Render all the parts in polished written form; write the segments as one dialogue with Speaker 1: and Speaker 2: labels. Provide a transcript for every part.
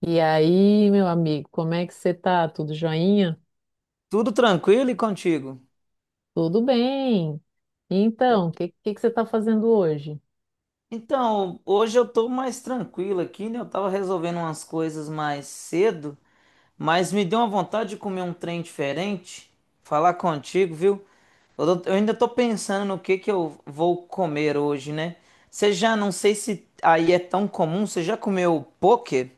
Speaker 1: E aí, meu amigo, como é que você tá? Tudo joinha?
Speaker 2: Tudo tranquilo e contigo?
Speaker 1: Tudo bem.
Speaker 2: Então,
Speaker 1: Então, que você tá fazendo hoje?
Speaker 2: então, hoje eu tô mais tranquilo aqui, né? Eu tava resolvendo umas coisas mais cedo, mas me deu uma vontade de comer um trem diferente. Falar contigo, viu? Eu ainda tô pensando no que eu vou comer hoje, né? Não sei se aí é tão comum, você já comeu poke?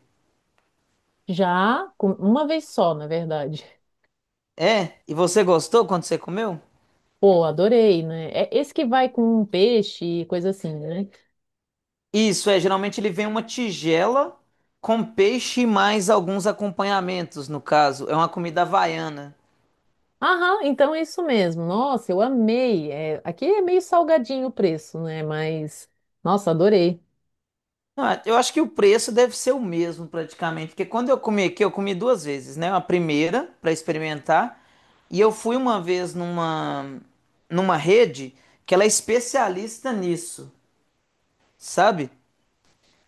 Speaker 1: Uma vez só, na verdade.
Speaker 2: É? E você gostou quando você comeu?
Speaker 1: Pô, adorei, né? É esse que vai com um peixe e coisa assim, né?
Speaker 2: Isso, é, geralmente ele vem uma tigela com peixe e mais alguns acompanhamentos, no caso. É uma comida havaiana.
Speaker 1: Aham, então é isso mesmo. Nossa, eu amei. É, aqui é meio salgadinho o preço, né? Mas, nossa, adorei.
Speaker 2: Não, é, eu acho que o preço deve ser o mesmo praticamente, porque quando eu comi aqui, eu comi duas vezes, né? A primeira para experimentar, e eu fui uma vez numa rede que ela é especialista nisso, sabe?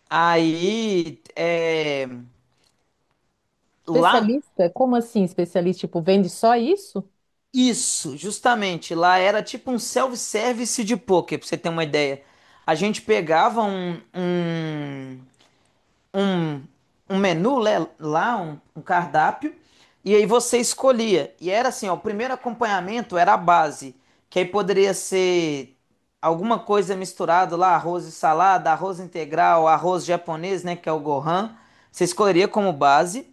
Speaker 2: Aí, é, lá
Speaker 1: Especialista? Como assim especialista? Tipo, vende só isso?
Speaker 2: Isso, justamente. Lá era tipo um self-service de poker, pra você ter uma ideia. A gente pegava um, um menu né, lá, um cardápio, e aí você escolhia. E era assim, ó, o primeiro acompanhamento era a base, que aí poderia ser alguma coisa misturado lá, arroz e salada, arroz integral, arroz japonês, né, que é o Gohan. Você escolheria como base.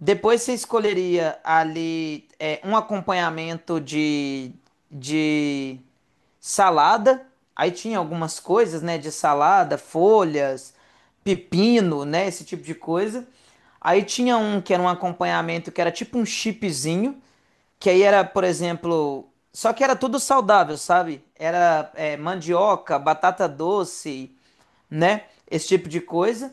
Speaker 2: Depois você escolheria ali é, um acompanhamento de salada, aí tinha algumas coisas, né, de salada, folhas, pepino, né, esse tipo de coisa. Aí tinha um que era um acompanhamento que era tipo um chipzinho, que aí era, por exemplo, só que era tudo saudável, sabe? Era é, mandioca, batata doce, né, esse tipo de coisa.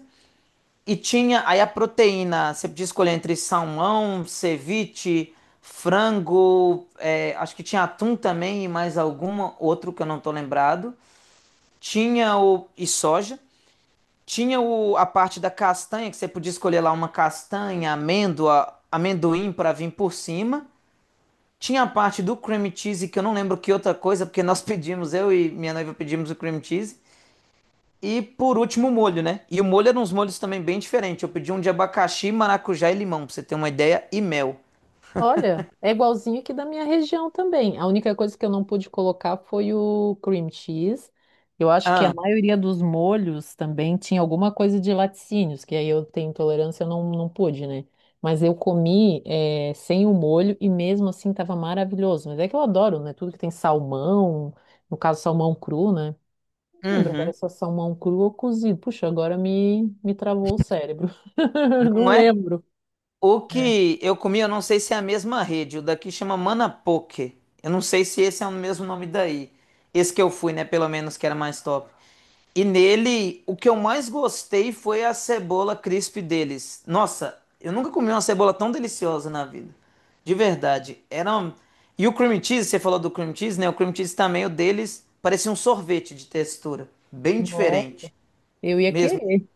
Speaker 2: E tinha aí a proteína, você podia escolher entre salmão, ceviche, frango, é, acho que tinha atum também e mais alguma, outro que eu não tô lembrado. E soja. A parte da castanha, que você podia escolher lá uma castanha, amêndoa, amendoim para vir por cima. Tinha a parte do cream cheese, que eu não lembro que outra coisa, porque nós pedimos, eu e minha noiva pedimos o cream cheese. E por último, o molho, né? E o molho era uns molhos também bem diferentes. Eu pedi um de abacaxi, maracujá e limão, pra você ter uma ideia, e mel.
Speaker 1: Olha, é igualzinho aqui da minha região também. A única coisa que eu não pude colocar foi o cream cheese. Eu acho que a
Speaker 2: Ah,
Speaker 1: maioria dos molhos também tinha alguma coisa de laticínios, que aí eu tenho intolerância, eu não, não pude, né? Mas eu comi sem o molho e mesmo assim estava maravilhoso. Mas é que eu adoro, né? Tudo que tem salmão, no caso salmão cru, né? Não lembro agora
Speaker 2: uhum.
Speaker 1: se é salmão cru ou cozido. Puxa, me travou o cérebro. Não
Speaker 2: Não é
Speaker 1: lembro.
Speaker 2: O
Speaker 1: É.
Speaker 2: que eu comi, eu não sei se é a mesma rede. O daqui chama Manapoque. Eu não sei se esse é o mesmo nome daí. Esse que eu fui, né? Pelo menos que era mais top. E nele, o que eu mais gostei foi a cebola crisp deles. Nossa, eu nunca comi uma cebola tão deliciosa na vida. De verdade. E o cream cheese, você falou do cream cheese, né? O cream cheese também, o deles, parecia um sorvete de textura. Bem
Speaker 1: Nossa,
Speaker 2: diferente.
Speaker 1: eu ia
Speaker 2: Mesmo.
Speaker 1: querer.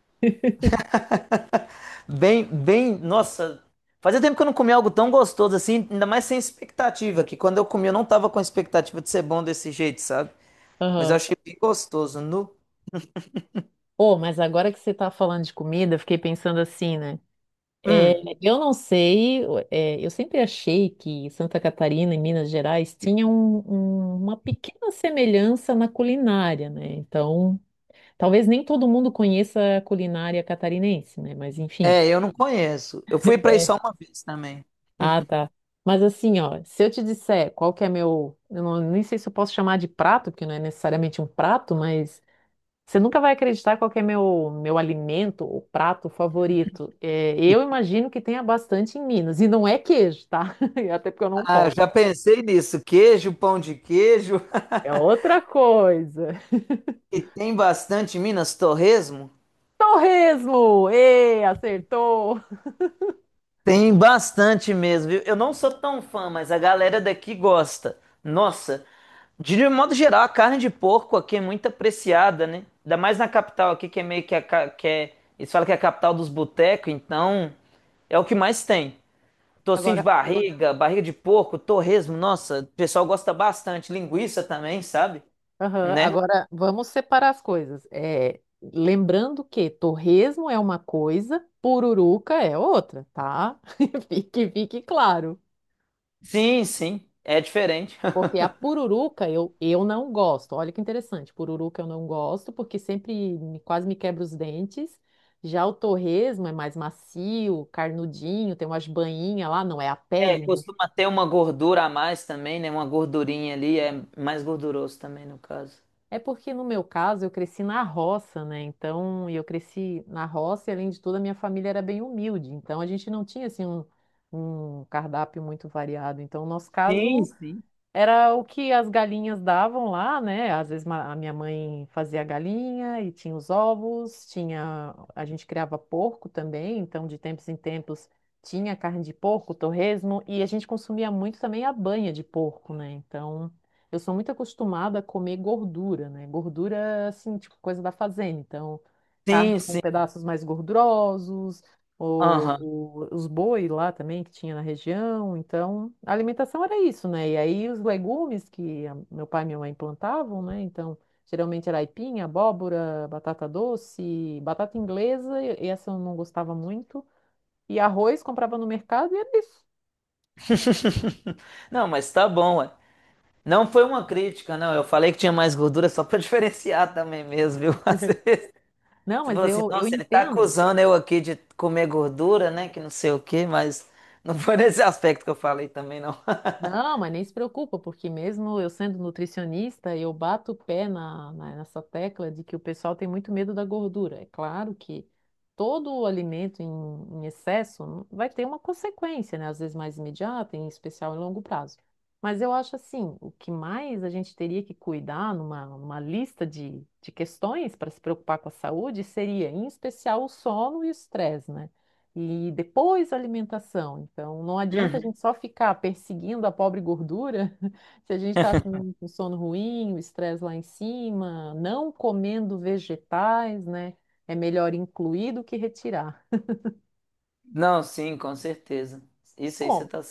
Speaker 2: Bem, bem, nossa, fazia tempo que eu não comia algo tão gostoso assim, ainda mais sem expectativa, que quando eu comi eu não tava com expectativa de ser bom desse jeito, sabe? Mas eu
Speaker 1: Aham.
Speaker 2: achei bem gostoso, nu.
Speaker 1: Oh, mas agora que você tá falando de comida, eu fiquei pensando assim, né? É,
Speaker 2: Hum,
Speaker 1: eu não sei, é, eu sempre achei que Santa Catarina e Minas Gerais tinham uma pequena semelhança na culinária, né? Então, talvez nem todo mundo conheça a culinária catarinense, né? Mas enfim.
Speaker 2: É, eu não conheço. Eu fui pra aí
Speaker 1: É.
Speaker 2: só uma vez também.
Speaker 1: Ah, tá. Mas assim, ó, se eu te disser qual que é meu, eu não, nem sei se eu posso chamar de prato, porque não é necessariamente um prato, mas você nunca vai acreditar qual que é meu alimento ou prato favorito. É,
Speaker 2: E,
Speaker 1: eu imagino que tenha bastante em Minas. E não é queijo, tá? Até porque eu não
Speaker 2: ah,
Speaker 1: posso.
Speaker 2: já pensei nisso, queijo, pão de queijo,
Speaker 1: É outra coisa.
Speaker 2: e tem bastante em Minas, torresmo.
Speaker 1: Torresmo! Ê, acertou!
Speaker 2: Tem bastante mesmo, viu? Eu não sou tão fã, mas a galera daqui gosta. Nossa, de modo geral, a carne de porco aqui é muito apreciada, né? Ainda mais na capital aqui, que é meio que a, que é, eles falam que é a capital dos botecos, então é o que mais tem. Tocinho de
Speaker 1: Agora,
Speaker 2: barriga, barriga de porco, torresmo, nossa, o pessoal gosta bastante. Linguiça também, sabe?
Speaker 1: aham,
Speaker 2: Né?
Speaker 1: agora vamos separar as coisas. É, lembrando que torresmo é uma coisa, pururuca é outra, tá? Que fique claro.
Speaker 2: Sim, sim, é diferente.
Speaker 1: Porque a pururuca eu não gosto. Olha que interessante. Pururuca eu não gosto, porque quase me quebra os dentes. Já o torresmo é mais macio, carnudinho, tem umas banhinhas lá, não é a
Speaker 2: É,
Speaker 1: pele, né?
Speaker 2: costuma ter uma gordura a mais também, né? Uma gordurinha ali, é mais gorduroso também, no caso.
Speaker 1: É porque no meu caso eu cresci na roça, né? Então, e eu cresci na roça e além de tudo a minha família era bem humilde. Então a gente não tinha um cardápio muito variado. Então, no nosso
Speaker 2: Sim,
Speaker 1: caso
Speaker 2: sim.
Speaker 1: era o que as galinhas davam lá, né? A minha mãe fazia a galinha e tinha os ovos, tinha, a gente criava porco também, então de tempos em tempos tinha carne de porco, torresmo e a gente consumia muito também a banha de porco, né? Então eu sou muito acostumada a comer gordura, né? Gordura assim, tipo coisa da fazenda, então carne
Speaker 2: Sim,
Speaker 1: com
Speaker 2: sim.
Speaker 1: pedaços mais gordurosos,
Speaker 2: Aham.
Speaker 1: os boi lá também que tinha na região. Então, a alimentação era isso, né? E aí os legumes que meu pai e minha mãe plantavam, né? Então, geralmente era aipim, abóbora, batata doce, batata inglesa, essa eu não gostava muito. E arroz comprava no mercado e era isso.
Speaker 2: Não, mas tá bom, ué. Não foi uma crítica, não. Eu falei que tinha mais gordura só pra diferenciar também mesmo, viu? Às vezes
Speaker 1: Não,
Speaker 2: você
Speaker 1: mas
Speaker 2: falou assim,
Speaker 1: eu
Speaker 2: nossa, ele tá
Speaker 1: entendo.
Speaker 2: acusando eu aqui de comer gordura, né? Que não sei o quê, mas não foi nesse aspecto que eu falei também, não.
Speaker 1: Não, mas nem se preocupa, porque mesmo eu sendo nutricionista, eu bato o pé nessa tecla de que o pessoal tem muito medo da gordura. É claro que todo o alimento em excesso vai ter uma consequência, né? Às vezes mais imediata, em especial em longo prazo. Mas eu acho assim, o que mais a gente teria que cuidar numa lista de questões para se preocupar com a saúde seria, em especial, o sono e o estresse, né? E depois a alimentação. Então, não adianta a
Speaker 2: Uhum.
Speaker 1: gente só ficar perseguindo a pobre gordura se a gente está com sono ruim, o estresse lá em cima, não comendo vegetais, né? É melhor incluir do que retirar.
Speaker 2: Não, sim, com certeza. Isso aí você
Speaker 1: Bom,
Speaker 2: tá.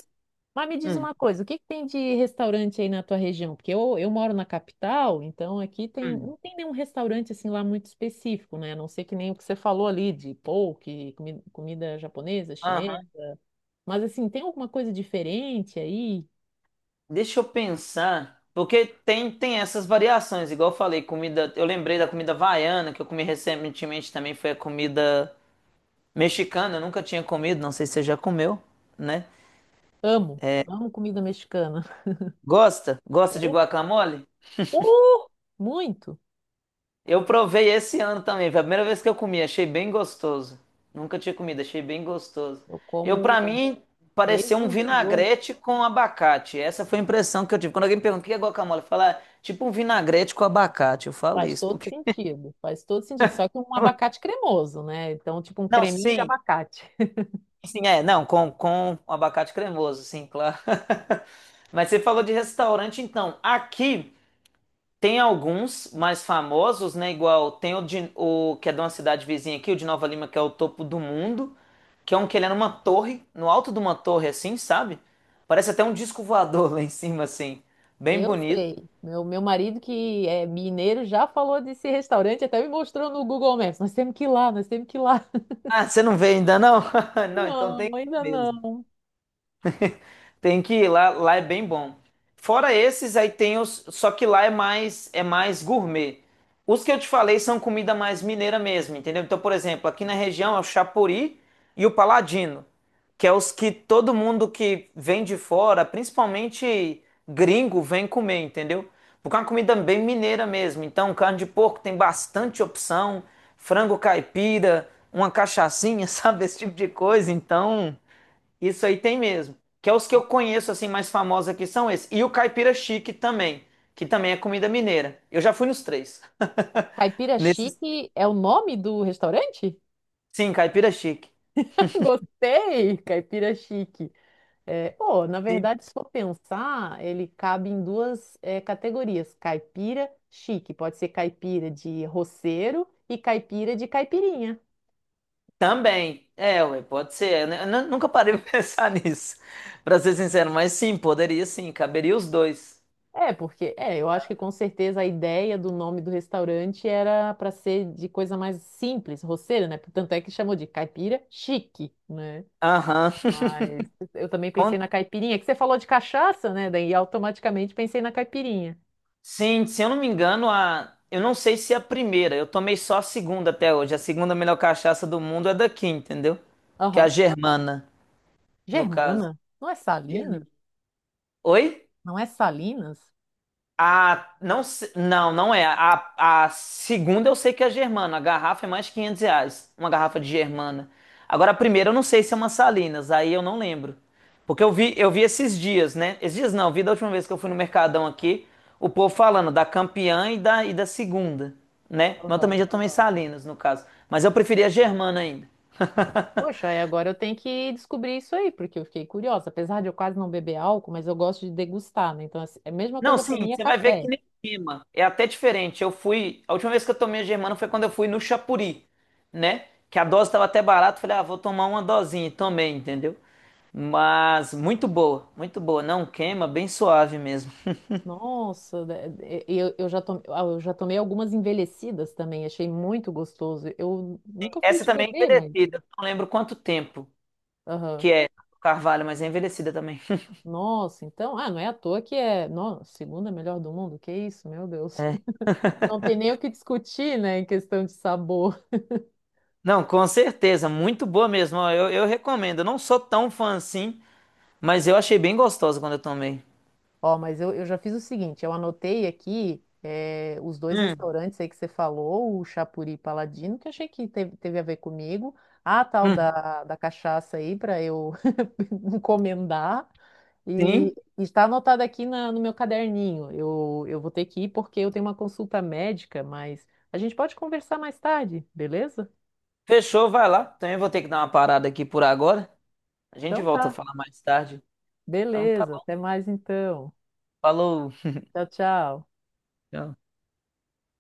Speaker 1: mas me diz
Speaker 2: Hum,
Speaker 1: uma coisa, o que que tem de restaurante aí na tua região? Porque eu moro na capital, então aqui tem,
Speaker 2: hum.
Speaker 1: não tem nenhum restaurante assim lá muito específico, né? A não ser que nem o que você falou ali de poke, comida japonesa, chinesa.
Speaker 2: Aham.
Speaker 1: Mas assim, tem alguma coisa diferente aí?
Speaker 2: Deixa eu pensar, porque tem essas variações, igual eu falei, comida, eu lembrei da comida havaiana, que eu comi recentemente também, foi a comida mexicana, eu nunca tinha comido, não sei se você já comeu, né?
Speaker 1: Amo, amo comida mexicana.
Speaker 2: Gosta? Gosta de
Speaker 1: Oh,
Speaker 2: guacamole?
Speaker 1: oh, muito.
Speaker 2: Eu provei esse ano também, foi a primeira vez que eu comi, achei bem gostoso. Nunca tinha comido, achei bem gostoso.
Speaker 1: Eu
Speaker 2: Pra
Speaker 1: como
Speaker 2: mim, pareceu
Speaker 1: desde
Speaker 2: um
Speaker 1: os 18.
Speaker 2: vinagrete com abacate, essa foi a impressão que eu tive. Quando alguém pergunta o que é guacamole, eu falo, "Ah, tipo um vinagrete com abacate, eu falo
Speaker 1: Faz
Speaker 2: isso,
Speaker 1: todo
Speaker 2: porque...
Speaker 1: sentido, faz todo sentido. Só que um abacate cremoso, né? Então, tipo um
Speaker 2: Não,
Speaker 1: creminho de
Speaker 2: sim.
Speaker 1: abacate.
Speaker 2: Sim, é, não, com abacate cremoso, sim, claro. Mas você falou de restaurante, então. Aqui tem alguns mais famosos, né? Igual tem o que é de uma cidade vizinha aqui, o de Nova Lima, que é o topo do mundo, que é um que ele é numa torre, no alto de uma torre, assim, sabe? Parece até um disco voador lá em cima, assim. Bem
Speaker 1: Eu
Speaker 2: bonito.
Speaker 1: sei. Meu marido, que é mineiro, já falou desse restaurante, até me mostrou no Google Maps. Nós temos que ir lá, nós temos que ir lá.
Speaker 2: Ah, você não vê ainda, não? Não, então tem
Speaker 1: Não,
Speaker 2: que ir
Speaker 1: ainda
Speaker 2: mesmo.
Speaker 1: não.
Speaker 2: Tem que ir lá, lá é bem bom. Fora esses, aí só que lá é mais gourmet. Os que eu te falei são comida mais mineira mesmo, entendeu? Então, por exemplo, aqui na região é o Chapuri e o Paladino, que é os que todo mundo que vem de fora, principalmente gringo, vem comer, entendeu? Porque é uma comida bem mineira mesmo. Então, carne de porco tem bastante opção, frango caipira, uma cachaçinha, sabe? Esse tipo de coisa. Então, isso aí tem mesmo. Que é os que eu conheço assim mais famosos aqui são esses. E o caipira chique também, que também é comida mineira. Eu já fui nos três.
Speaker 1: Caipira
Speaker 2: Nesses,
Speaker 1: Chique é o nome do restaurante?
Speaker 2: sim, caipira chique.
Speaker 1: Gostei, Caipira Chique. É, pô, na
Speaker 2: Sim.
Speaker 1: verdade, se for pensar, ele cabe em duas categorias: caipira chique, pode ser caipira de roceiro e caipira de caipirinha.
Speaker 2: Também. É, ué, pode ser. Eu nunca parei pra pensar nisso, pra ser sincero, mas sim, poderia sim, caberia os dois.
Speaker 1: É, porque é, eu acho que com certeza a ideia do nome do restaurante era para ser de coisa mais simples, roceiro, né? Tanto é que chamou de caipira chique, né?
Speaker 2: Aham.
Speaker 1: Mas eu também
Speaker 2: Con-
Speaker 1: pensei na caipirinha, que você falou de cachaça, né? Daí automaticamente pensei na caipirinha.
Speaker 2: Sim, se eu não me engano, eu não sei se é a primeira, eu tomei só a segunda até hoje. A segunda melhor cachaça do mundo é daqui, entendeu? Que é a
Speaker 1: Aham.
Speaker 2: Germana, no caso.
Speaker 1: Germana? Não é Salina?
Speaker 2: Oi?
Speaker 1: Não é Salinas?
Speaker 2: A, não, não, não é. A segunda eu sei que é a Germana. A garrafa é mais de 500 reais. Uma garrafa de Germana. Agora, a primeira eu não sei se é uma Salinas. Aí eu não lembro. Porque eu vi esses dias, né? Esses dias não, eu vi da última vez que eu fui no Mercadão aqui, o povo falando da campeã e da segunda, né? Mas eu
Speaker 1: Aham.
Speaker 2: também já tomei Salinas, no caso. Mas eu preferi a Germana ainda.
Speaker 1: Poxa, aí agora eu tenho que descobrir isso aí, porque eu fiquei curiosa. Apesar de eu quase não beber álcool, mas eu gosto de degustar, né? Então, assim, é a mesma
Speaker 2: Não,
Speaker 1: coisa para
Speaker 2: sim,
Speaker 1: mim é
Speaker 2: você vai ver
Speaker 1: café.
Speaker 2: que nem queima. É até diferente. Eu fui. A última vez que eu tomei a Germana foi quando eu fui no Chapuri, né? Que a dose estava até barata. Falei, ah, vou tomar uma dosinha. E tomei, entendeu? Mas muito boa, muito boa. Não queima, bem suave mesmo.
Speaker 1: Nossa, e eu já tomei, ah, eu já tomei algumas envelhecidas também, achei muito gostoso. Eu nunca fui
Speaker 2: Essa
Speaker 1: de
Speaker 2: também é
Speaker 1: beber, mas.
Speaker 2: envelhecida. Não lembro quanto tempo
Speaker 1: Aham.
Speaker 2: que é o Carvalho, mas é envelhecida também.
Speaker 1: Nossa, então, ah, não é à toa que é, nossa, segunda melhor do mundo, que isso, meu Deus.
Speaker 2: É.
Speaker 1: Não tem nem o que discutir, né, em questão de sabor.
Speaker 2: Não, com certeza. Muito boa mesmo. Ó, eu recomendo. Eu não sou tão fã assim, mas eu achei bem gostosa quando eu tomei.
Speaker 1: Ó, mas eu já fiz o seguinte, eu anotei aqui os dois
Speaker 2: Hum,
Speaker 1: restaurantes aí que você falou, o Chapuri e Paladino, que eu achei que teve a ver comigo. A tal
Speaker 2: hum.
Speaker 1: da cachaça aí para eu encomendar. E
Speaker 2: Sim.
Speaker 1: está anotado aqui no meu caderninho. Eu vou ter que ir porque eu tenho uma consulta médica, mas a gente pode conversar mais tarde, beleza?
Speaker 2: Fechou, vai lá. Também vou ter que dar uma parada aqui por agora. A gente
Speaker 1: Então
Speaker 2: volta a
Speaker 1: tá,
Speaker 2: falar mais tarde. Então tá
Speaker 1: beleza.
Speaker 2: bom.
Speaker 1: Até mais então.
Speaker 2: Falou.
Speaker 1: Tchau, tchau.
Speaker 2: Tchau.